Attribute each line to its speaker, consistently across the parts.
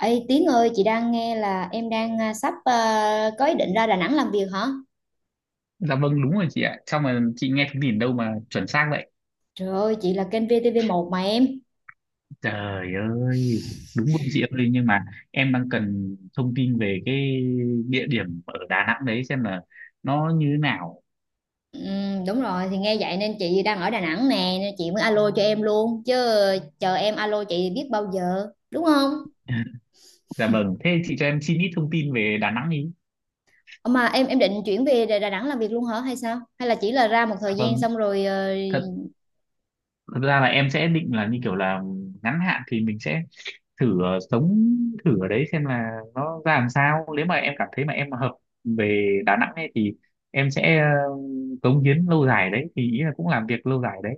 Speaker 1: Ê Tiến ơi, chị đang nghe là em đang sắp, có ý định ra Đà Nẵng làm việc hả?
Speaker 2: Dạ vâng, đúng rồi chị ạ. Sao mà chị nghe thông tin đâu mà chuẩn xác vậy?
Speaker 1: Trời ơi, chị là kênh VTV1 mà em.
Speaker 2: Trời ơi. Đúng không chị ơi? Nhưng mà em đang cần thông tin về cái địa điểm ở Đà Nẵng đấy. Xem là nó như thế nào.
Speaker 1: Đúng rồi, thì nghe vậy nên chị đang ở Đà Nẵng nè, nên chị mới alo cho em luôn. Chứ chờ em alo chị biết bao giờ, đúng không?
Speaker 2: Dạ vâng. Thế chị cho em xin ít thông tin về Đà Nẵng ý.
Speaker 1: Ờ, Mà em định chuyển về Đà Đà Nẵng làm việc luôn hả hay sao? Hay là chỉ là ra một
Speaker 2: Dạ
Speaker 1: thời gian
Speaker 2: vâng.
Speaker 1: xong rồi
Speaker 2: Thật, thật ra là em sẽ định là như kiểu là ngắn hạn thì mình sẽ thử sống thử ở đấy xem là nó ra làm sao, nếu mà em cảm thấy mà em hợp về Đà Nẵng ấy thì em sẽ cống hiến lâu dài đấy, thì ý là cũng làm việc lâu dài đấy,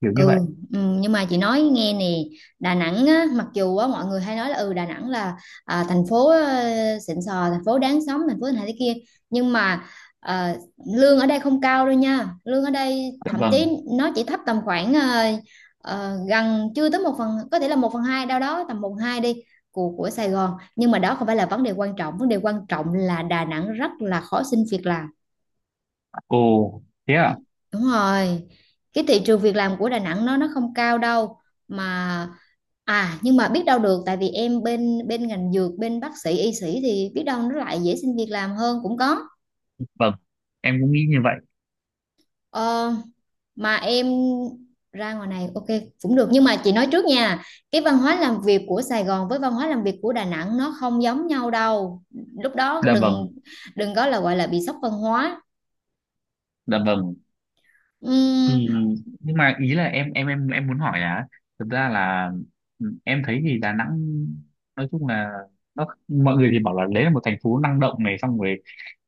Speaker 2: kiểu như
Speaker 1: Ừ,
Speaker 2: vậy.
Speaker 1: nhưng mà chị nói nghe nè. Đà Nẵng á, mặc dù á, mọi người hay nói là ừ Đà Nẵng là thành phố xịn sò, thành phố đáng sống, thành phố này thế kia, nhưng mà ờ, lương ở đây không cao đâu nha. Lương ở đây
Speaker 2: Dạ
Speaker 1: thậm
Speaker 2: vâng,
Speaker 1: chí nó chỉ thấp tầm khoảng gần chưa tới một phần, có thể là một phần hai, đâu đó tầm một phần hai đi, của Sài Gòn. Nhưng mà đó không phải là vấn đề quan trọng, vấn đề quan trọng là Đà Nẵng rất là khó xin việc làm.
Speaker 2: ồ, thế à.
Speaker 1: Đúng rồi, cái thị trường việc làm của Đà Nẵng nó không cao đâu mà. À, nhưng mà biết đâu được, tại vì em bên bên ngành dược, bên bác sĩ y sĩ thì biết đâu nó lại dễ xin việc làm hơn cũng có.
Speaker 2: Vâng, em cũng nghĩ như vậy.
Speaker 1: ờ, mà em ra ngoài này ok cũng được, nhưng mà chị nói trước nha, cái văn hóa làm việc của Sài Gòn với văn hóa làm việc của Đà Nẵng nó không giống nhau đâu. Lúc đó
Speaker 2: Dạ
Speaker 1: đừng
Speaker 2: vâng,
Speaker 1: đừng có là gọi là bị sốc văn hóa.
Speaker 2: dạ vâng.
Speaker 1: Ừm,
Speaker 2: Thì nhưng mà ý là em muốn hỏi là, thực ra là, em thấy thì Đà Nẵng nói chung là, nó mọi người thì bảo là đấy là một thành phố năng động này, xong rồi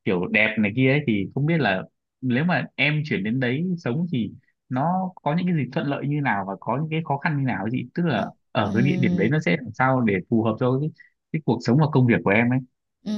Speaker 2: kiểu đẹp này kia ấy, thì không biết là nếu mà em chuyển đến đấy sống thì nó có những cái gì thuận lợi như nào và có những cái khó khăn như nào ấy chị, tức là ở cái địa
Speaker 1: ừm,
Speaker 2: điểm đấy nó sẽ làm sao để phù hợp cho cái cuộc sống và công việc của em ấy.
Speaker 1: ừm.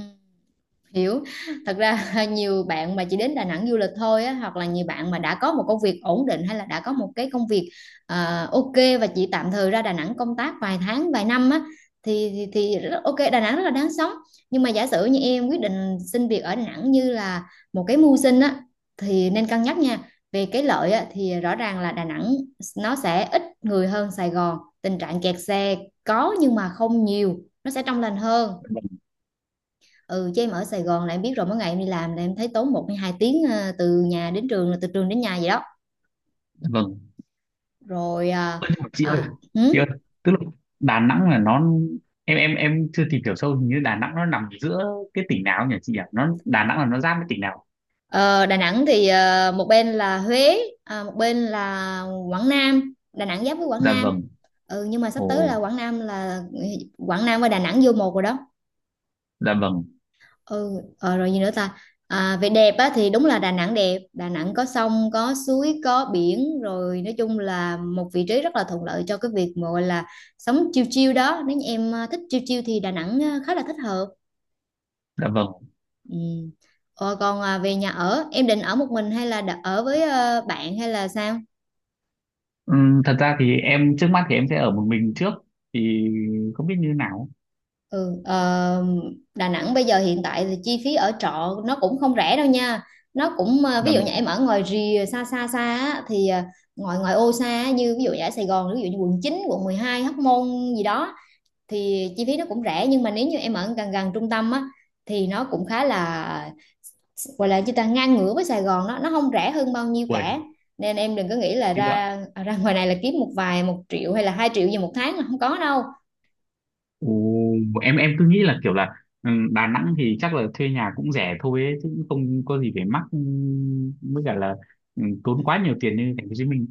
Speaker 1: Hiểu. Thật ra nhiều bạn mà chỉ đến Đà Nẵng du lịch thôi á, hoặc là nhiều bạn mà đã có một công việc ổn định, hay là đã có một cái công việc ok, và chỉ tạm thời ra Đà Nẵng công tác vài tháng vài năm á, thì, thì ok, Đà Nẵng rất là đáng sống. Nhưng mà giả sử như em quyết định xin việc ở Đà Nẵng như là một cái mưu sinh á, thì nên cân nhắc nha. Về cái lợi á, thì rõ ràng là Đà Nẵng nó sẽ ít người hơn Sài Gòn, tình trạng kẹt xe có nhưng mà không nhiều, nó sẽ trong lành hơn. Ừ, chứ em ở Sài Gòn là em biết rồi, mỗi ngày em đi làm là em thấy tốn một hay hai tiếng từ nhà đến trường, là từ trường đến nhà vậy đó.
Speaker 2: Vâng.
Speaker 1: Rồi
Speaker 2: Chị ơi,
Speaker 1: à, hử?
Speaker 2: chị ơi, tức là Đà Nẵng là nó, em chưa tìm hiểu sâu, hình như Đà Nẵng nó nằm giữa cái tỉnh nào nhỉ chị ạ, nó Đà Nẵng là nó giáp với tỉnh nào?
Speaker 1: Ờ, Đà Nẵng thì một bên là Huế, một bên là Quảng Nam. Đà Nẵng giáp với Quảng
Speaker 2: Dạ
Speaker 1: Nam.
Speaker 2: vâng.
Speaker 1: Ừ, nhưng mà sắp tới là
Speaker 2: Ồ.
Speaker 1: Quảng Nam và Đà Nẵng vô một rồi đó.
Speaker 2: Dạ vâng,
Speaker 1: Ừ. Rồi gì nữa ta? À, về đẹp á thì đúng là Đà Nẵng đẹp, Đà Nẵng có sông có suối có biển, rồi nói chung là một vị trí rất là thuận lợi cho cái việc mà gọi là sống chill chill đó. Nếu như em thích chill chill thì Đà Nẵng khá là thích hợp.
Speaker 2: dạ vâng.
Speaker 1: Ừ. Còn về nhà ở, em định ở một mình hay là ở với bạn hay là sao?
Speaker 2: Thật ra thì em trước mắt thì em sẽ ở một mình trước, thì không biết như thế nào.
Speaker 1: Ừ, ờ, Đà Nẵng bây giờ hiện tại thì chi phí ở trọ nó cũng không rẻ đâu nha. Nó cũng
Speaker 2: Dạ
Speaker 1: ví dụ như
Speaker 2: vâng.
Speaker 1: em ở ngoài rìa xa xa xa á, thì ngoài ngoài ô xa á, như ví dụ như ở Sài Gòn, ví dụ như quận chín, quận mười hai, Hóc Môn gì đó, thì chi phí nó cũng rẻ. Nhưng mà nếu như em ở gần gần trung tâm á, thì nó cũng khá là, gọi là chúng ta ngang ngửa với Sài Gòn, nó không rẻ hơn bao nhiêu
Speaker 2: Uầy,
Speaker 1: cả. Nên em đừng có nghĩ là
Speaker 2: thế cơ ạ.
Speaker 1: ra, ngoài này là kiếm một vài một triệu hay là hai triệu gì một tháng là không có đâu.
Speaker 2: Ồ, em cứ nghĩ là kiểu là, Đà Nẵng thì chắc là thuê nhà cũng rẻ thôi ấy, chứ cũng không có gì phải mắc, với cả là tốn quá nhiều tiền như thành phố Hồ Chí Minh.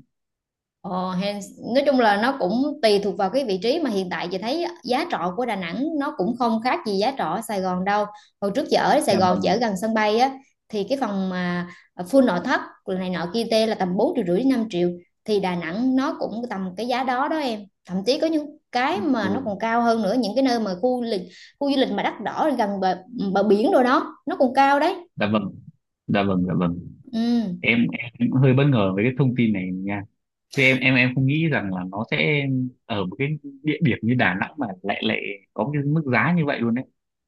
Speaker 1: Ờ, hèn- nói chung là nó cũng tùy thuộc vào cái vị trí, mà hiện tại chị thấy giá trọ của Đà Nẵng nó cũng không khác gì giá trọ ở Sài Gòn đâu. Hồi trước chị ở Sài
Speaker 2: Dạ
Speaker 1: Gòn, chị
Speaker 2: vâng.
Speaker 1: ở gần sân bay á, thì cái phòng mà full nội thất này nọ kia tê là tầm 4 triệu rưỡi đến 5 triệu, thì Đà Nẵng nó cũng tầm cái giá đó đó em. Thậm chí có những cái mà
Speaker 2: Ồ,
Speaker 1: nó còn cao hơn nữa, những cái nơi mà khu du lịch mà đắt đỏ gần bờ biển rồi đó, nó còn cao đấy.
Speaker 2: dạ vâng, dạ vâng, dạ vâng.
Speaker 1: Ừ.
Speaker 2: Em cũng hơi bất ngờ với cái thông tin này nha. Thế em không nghĩ rằng là nó sẽ ở một cái địa điểm như Đà Nẵng mà lại lại có cái mức giá như vậy luôn đấy.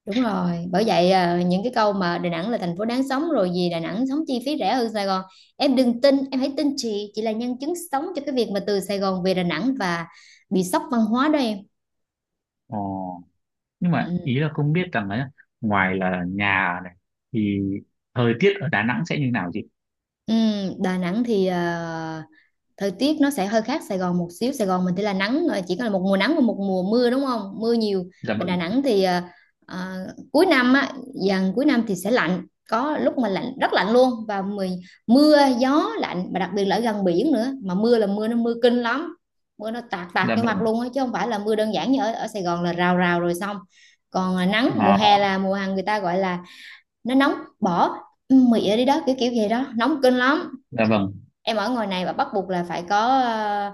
Speaker 1: Đúng rồi, bởi vậy những cái câu mà Đà Nẵng là thành phố đáng sống, rồi gì Đà Nẵng sống chi phí rẻ hơn Sài Gòn, em đừng tin. Em hãy tin chị là nhân chứng sống cho cái việc mà từ Sài Gòn về Đà Nẵng và bị sốc văn hóa đó em.
Speaker 2: Ồ, nhưng mà
Speaker 1: Ừ.
Speaker 2: ý là không biết rằng ấy, ngoài là nhà này thì thời tiết ở Đà Nẵng sẽ như nào chị?
Speaker 1: Ừ, Đà Nẵng thì thời tiết nó sẽ hơi khác Sài Gòn một xíu. Sài Gòn mình thì là nắng, chỉ có là một mùa nắng và một mùa mưa đúng không, mưa nhiều.
Speaker 2: Dạ
Speaker 1: Bên Đà
Speaker 2: vâng,
Speaker 1: Nẵng thì ờ, cuối năm á, dần cuối năm thì sẽ lạnh, có lúc mà lạnh rất lạnh luôn. Và mưa gió lạnh, và đặc biệt là ở gần biển nữa, mà mưa là mưa nó mưa kinh lắm. Mưa nó tạt tạt
Speaker 2: dạ
Speaker 1: vô mặt
Speaker 2: vâng,
Speaker 1: luôn á, chứ không phải là mưa đơn giản như ở Sài Gòn là rào rào rồi xong. Còn nắng mùa
Speaker 2: ờ,
Speaker 1: hè là mùa hàng người ta gọi là nó nóng bỏ mị đi đó, kiểu kiểu vậy đó, nóng kinh lắm.
Speaker 2: dạ vâng,
Speaker 1: Em ở ngoài này và bắt buộc là phải có ờ,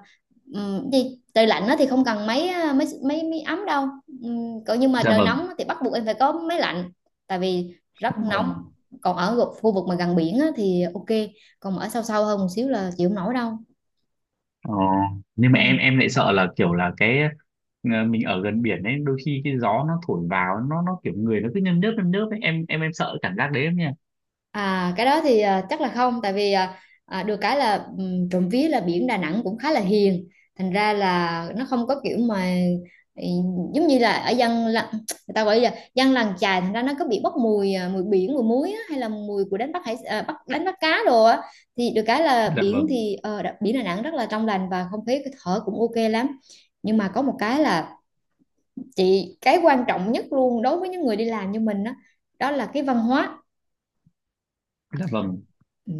Speaker 1: ừm, gì, trời lạnh á thì không cần máy máy ấm đâu. Còn nhưng mà
Speaker 2: dạ
Speaker 1: trời
Speaker 2: vâng,
Speaker 1: nóng á thì bắt buộc em phải có máy lạnh, tại vì rất
Speaker 2: dạ
Speaker 1: nóng.
Speaker 2: vâng.
Speaker 1: Còn ở khu vực mà gần biển á thì ok, còn mà ở sâu sâu hơn một xíu là chịu không nổi đâu.
Speaker 2: ờ, nhưng
Speaker 1: Ừ.
Speaker 2: mà em lại sợ là kiểu là cái, mình ở gần biển ấy đôi khi cái gió nó thổi vào nó kiểu người nó cứ nhâm nhớp ấy, em sợ cảm giác đấy em nha.
Speaker 1: À, cái đó thì chắc là không, tại vì được cái là trộm vía là biển Đà Nẵng cũng khá là hiền, thành ra là nó không có kiểu mà, ừ, giống như là ở người ta gọi là dân làng chài, thành ra nó có bị bốc mùi, mùi biển mùi muối á, hay là mùi của đánh bắt đánh bắt cá đồ á. Thì được cái là
Speaker 2: Dạ
Speaker 1: biển
Speaker 2: vâng,
Speaker 1: thì biển Đà Nẵng rất là trong lành và không khí thở cũng ok lắm. Nhưng mà có một cái là cái quan trọng nhất luôn đối với những người đi làm như mình á, đó là cái văn hóa.
Speaker 2: dạ vâng,
Speaker 1: Ừ.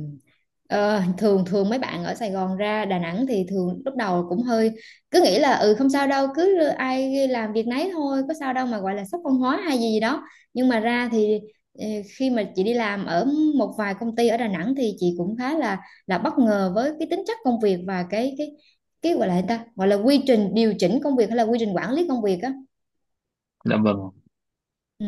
Speaker 1: Ờ, thường thường mấy bạn ở Sài Gòn ra Đà Nẵng thì thường lúc đầu cũng hơi cứ nghĩ là ừ không sao đâu, cứ ai làm việc nấy thôi, có sao đâu mà gọi là sốc văn hóa hay gì gì đó. Nhưng mà ra thì ờ, khi mà chị đi làm ở một vài công ty ở Đà Nẵng, thì chị cũng khá là bất ngờ với cái tính chất công việc và cái cái gọi là gì ta, gọi là quy trình điều chỉnh công việc hay là quy trình quản lý công việc á.
Speaker 2: dạ vâng.
Speaker 1: Ừ.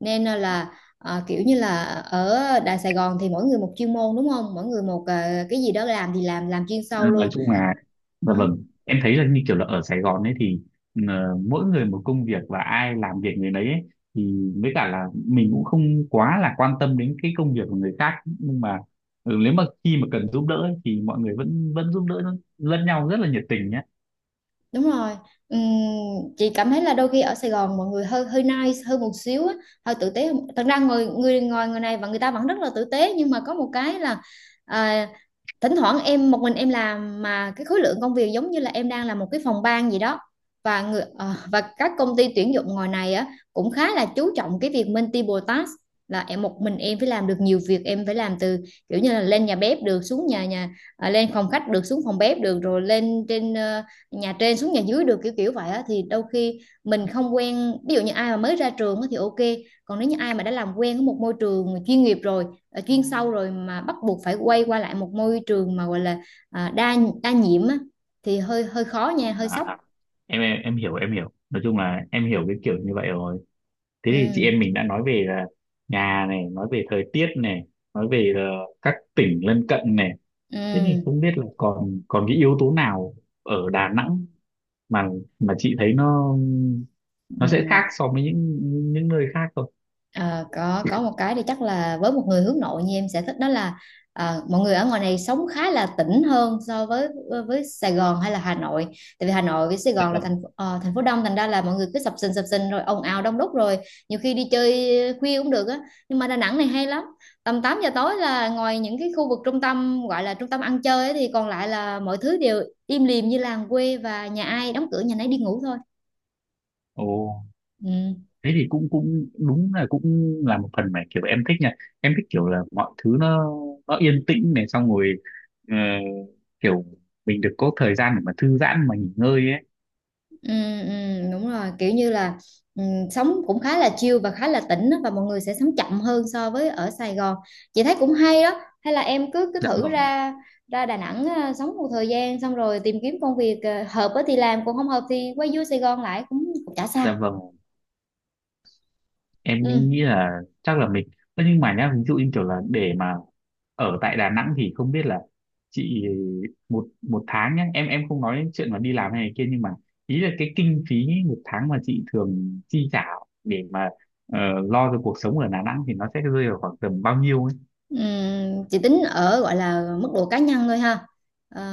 Speaker 1: Nên kiểu như là ở Đại Sài Gòn thì mỗi người một chuyên môn đúng không? Mỗi người một cái gì đó, làm thì làm chuyên sâu
Speaker 2: Ừ, nói
Speaker 1: luôn.
Speaker 2: chung là, dạ
Speaker 1: Ừ.
Speaker 2: vâng, em thấy là như kiểu là ở Sài Gòn ấy thì, mỗi người một công việc và ai làm việc người đấy ấy, thì với cả là mình cũng không quá là quan tâm đến cái công việc của người khác, nhưng mà nếu mà khi mà cần giúp đỡ ấy, thì mọi người vẫn vẫn giúp đỡ lẫn nhau rất là nhiệt tình nhé.
Speaker 1: Đúng rồi. Ừm, chị cảm thấy là đôi khi ở Sài Gòn mọi người hơi hơi nice hơn một xíu á, hơi tử tế hơn. Thật ra người người ngồi người này và người ta vẫn rất là tử tế nhưng mà có một cái là à, thỉnh thoảng em một mình em làm mà cái khối lượng công việc giống như là em đang làm một cái phòng ban gì đó và và các công ty tuyển dụng ngoài này á cũng khá là chú trọng cái việc multiple task là em một mình em phải làm được nhiều việc em phải làm từ kiểu như là lên nhà bếp được xuống nhà nhà à, lên phòng khách được xuống phòng bếp được rồi nhà trên xuống nhà dưới được kiểu kiểu vậy á thì đôi khi mình không quen ví dụ như ai mà mới ra trường á thì ok, còn nếu như ai mà đã làm quen với một môi trường chuyên nghiệp rồi, ờ, chuyên sâu rồi mà bắt buộc phải quay qua lại một môi trường mà gọi là à, đa đa nhiệm á thì hơi hơi khó nha, hơi
Speaker 2: à,
Speaker 1: sốc.
Speaker 2: à, em hiểu, nói chung là em hiểu cái kiểu như vậy rồi. Thế thì chị
Speaker 1: Ừ.
Speaker 2: em mình đã nói về là nhà này, nói về thời tiết này, nói về là các tỉnh lân cận này. Thế thì
Speaker 1: Ừ.
Speaker 2: không biết là còn còn cái yếu tố nào ở Đà Nẵng mà mà chị thấy nó sẽ
Speaker 1: Ừ.
Speaker 2: khác so với những nơi khác không?
Speaker 1: Ờ, có một cái thì chắc là với một người hướng nội như em sẽ thích đó là, ờ, mọi người ở ngoài này sống khá là tỉnh hơn so với Sài Gòn hay là Hà Nội, tại vì Hà Nội với Sài
Speaker 2: Dạ
Speaker 1: Gòn là
Speaker 2: vâng.
Speaker 1: thành phố đông, thành ra là mọi người cứ sập sình rồi ồn ào đông đúc rồi nhiều khi đi chơi khuya cũng được á, nhưng mà Đà Nẵng này hay lắm. Tầm 8 giờ tối là ngoài những cái khu vực trung tâm gọi là trung tâm ăn chơi ấy, thì còn lại là mọi thứ đều im lìm như làng quê và nhà ai đóng cửa nhà nấy đi ngủ thôi.
Speaker 2: Ồ,
Speaker 1: Ừ.
Speaker 2: thế thì cũng cũng đúng là cũng là một phần mà kiểu em thích nha. Em thích kiểu là mọi thứ nó yên tĩnh này, xong rồi ờ, kiểu mình được có thời gian để mà thư giãn mà nghỉ ngơi ấy.
Speaker 1: Ừ, ừ, đúng rồi, kiểu như là, ừ, sống cũng khá là chill và khá là tĩnh á, và mọi người sẽ sống chậm hơn so với ở Sài Gòn. Chị thấy cũng hay đó, hay là em cứ cứ
Speaker 2: Dạ
Speaker 1: thử
Speaker 2: vâng,
Speaker 1: ra ra Đà Nẵng, à, sống một thời gian xong rồi tìm kiếm công việc à, hợp á thì làm, còn không hợp thì quay vô Sài Gòn lại cũng, cũng chả sao.
Speaker 2: dạ vâng. Em
Speaker 1: Ừ.
Speaker 2: cũng nghĩ là chắc là mình. Ơ nhưng mà nhá, ví dụ như kiểu là để mà ở tại Đà Nẵng thì không biết là chị, một một tháng nhá, em không nói đến chuyện mà đi làm hay này kia, nhưng mà ý là cái kinh phí một tháng mà chị thường chi trả để mà ờ, lo cho cuộc sống ở Đà Nẵng thì nó sẽ rơi vào khoảng tầm bao nhiêu ấy.
Speaker 1: Ừm, chỉ tính ở gọi là mức độ cá nhân thôi ha.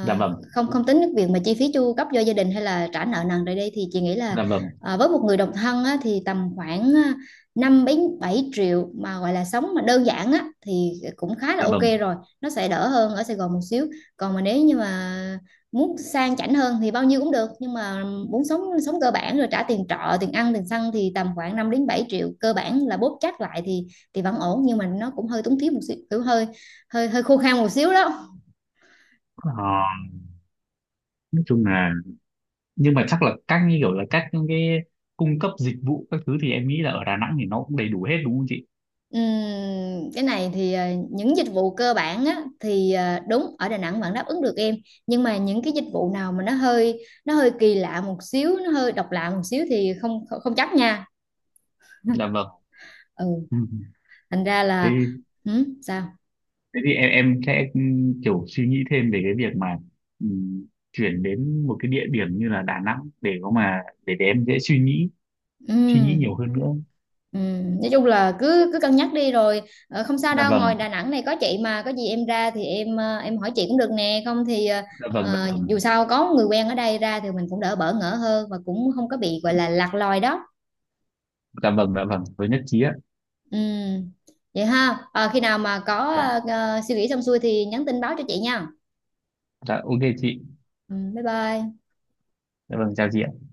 Speaker 2: Dạ vâng,
Speaker 1: không không tính cái việc mà chi phí chu cấp cho gia đình hay là trả nợ nần rồi đây thì chị nghĩ là,
Speaker 2: dạ vâng,
Speaker 1: à, với một người độc thân á, thì tầm khoảng à, 5 đến 7 triệu mà gọi là sống mà đơn giản á thì cũng khá là
Speaker 2: dạ
Speaker 1: ok
Speaker 2: vâng.
Speaker 1: rồi, nó sẽ đỡ hơn ở Sài Gòn một xíu. Còn mà nếu như mà muốn sang chảnh hơn thì bao nhiêu cũng được, nhưng mà muốn sống, sống cơ bản rồi trả tiền trọ tiền ăn tiền xăng thì tầm khoảng 5 đến 7 triệu cơ bản là bóp chắc lại thì vẫn ổn, nhưng mà nó cũng hơi túng thiếu một xíu, kiểu hơi hơi hơi khô khan một xíu đó.
Speaker 2: Ờ, nói chung là, nhưng mà chắc là các như kiểu là các những cái cung cấp dịch vụ các thứ thì em nghĩ là ở Đà Nẵng thì nó cũng đầy đủ hết đúng không chị?
Speaker 1: Cái này thì, ờ, những dịch vụ cơ bản á, thì ờ, đúng ở Đà Nẵng vẫn đáp ứng được em, nhưng mà những cái dịch vụ nào mà nó hơi kỳ lạ một xíu, nó hơi độc lạ một xíu thì không, không, không chắc nha.
Speaker 2: Dạ vâng.
Speaker 1: Ừ,
Speaker 2: Ừ.
Speaker 1: thành ra là,
Speaker 2: Thế
Speaker 1: ừ, sao.
Speaker 2: thế thì em sẽ, kiểu suy nghĩ thêm về cái việc mà, ừm, chuyển đến một cái địa điểm như là Đà Nẵng, để có mà để em dễ suy nghĩ, nhiều
Speaker 1: Ừ.
Speaker 2: hơn nữa.
Speaker 1: Ừ, nói chung là cứ cứ cân nhắc đi rồi, ờ, không sao
Speaker 2: Dạ
Speaker 1: đâu, ngoài
Speaker 2: vâng,
Speaker 1: Đà Nẵng này có chị, mà có gì em ra thì em, ờ, em hỏi chị cũng được nè, không thì, ờ,
Speaker 2: dạ vâng, dạ
Speaker 1: ờ,
Speaker 2: vâng.
Speaker 1: dù sao có người quen ở đây ra thì mình cũng đỡ bỡ ngỡ hơn và cũng không có bị gọi là lạc lòi đó.
Speaker 2: Dạ vâng, dạ vâng, với nhất trí ạ.
Speaker 1: Ừ. Vậy ha. Ờ, khi nào mà có
Speaker 2: Vâng.
Speaker 1: ờ, ờ, suy nghĩ xong xuôi thì nhắn tin báo cho chị nha.
Speaker 2: Dạ ok chị.
Speaker 1: Ừ, bye bye.
Speaker 2: Dạ vâng, chào chị ạ.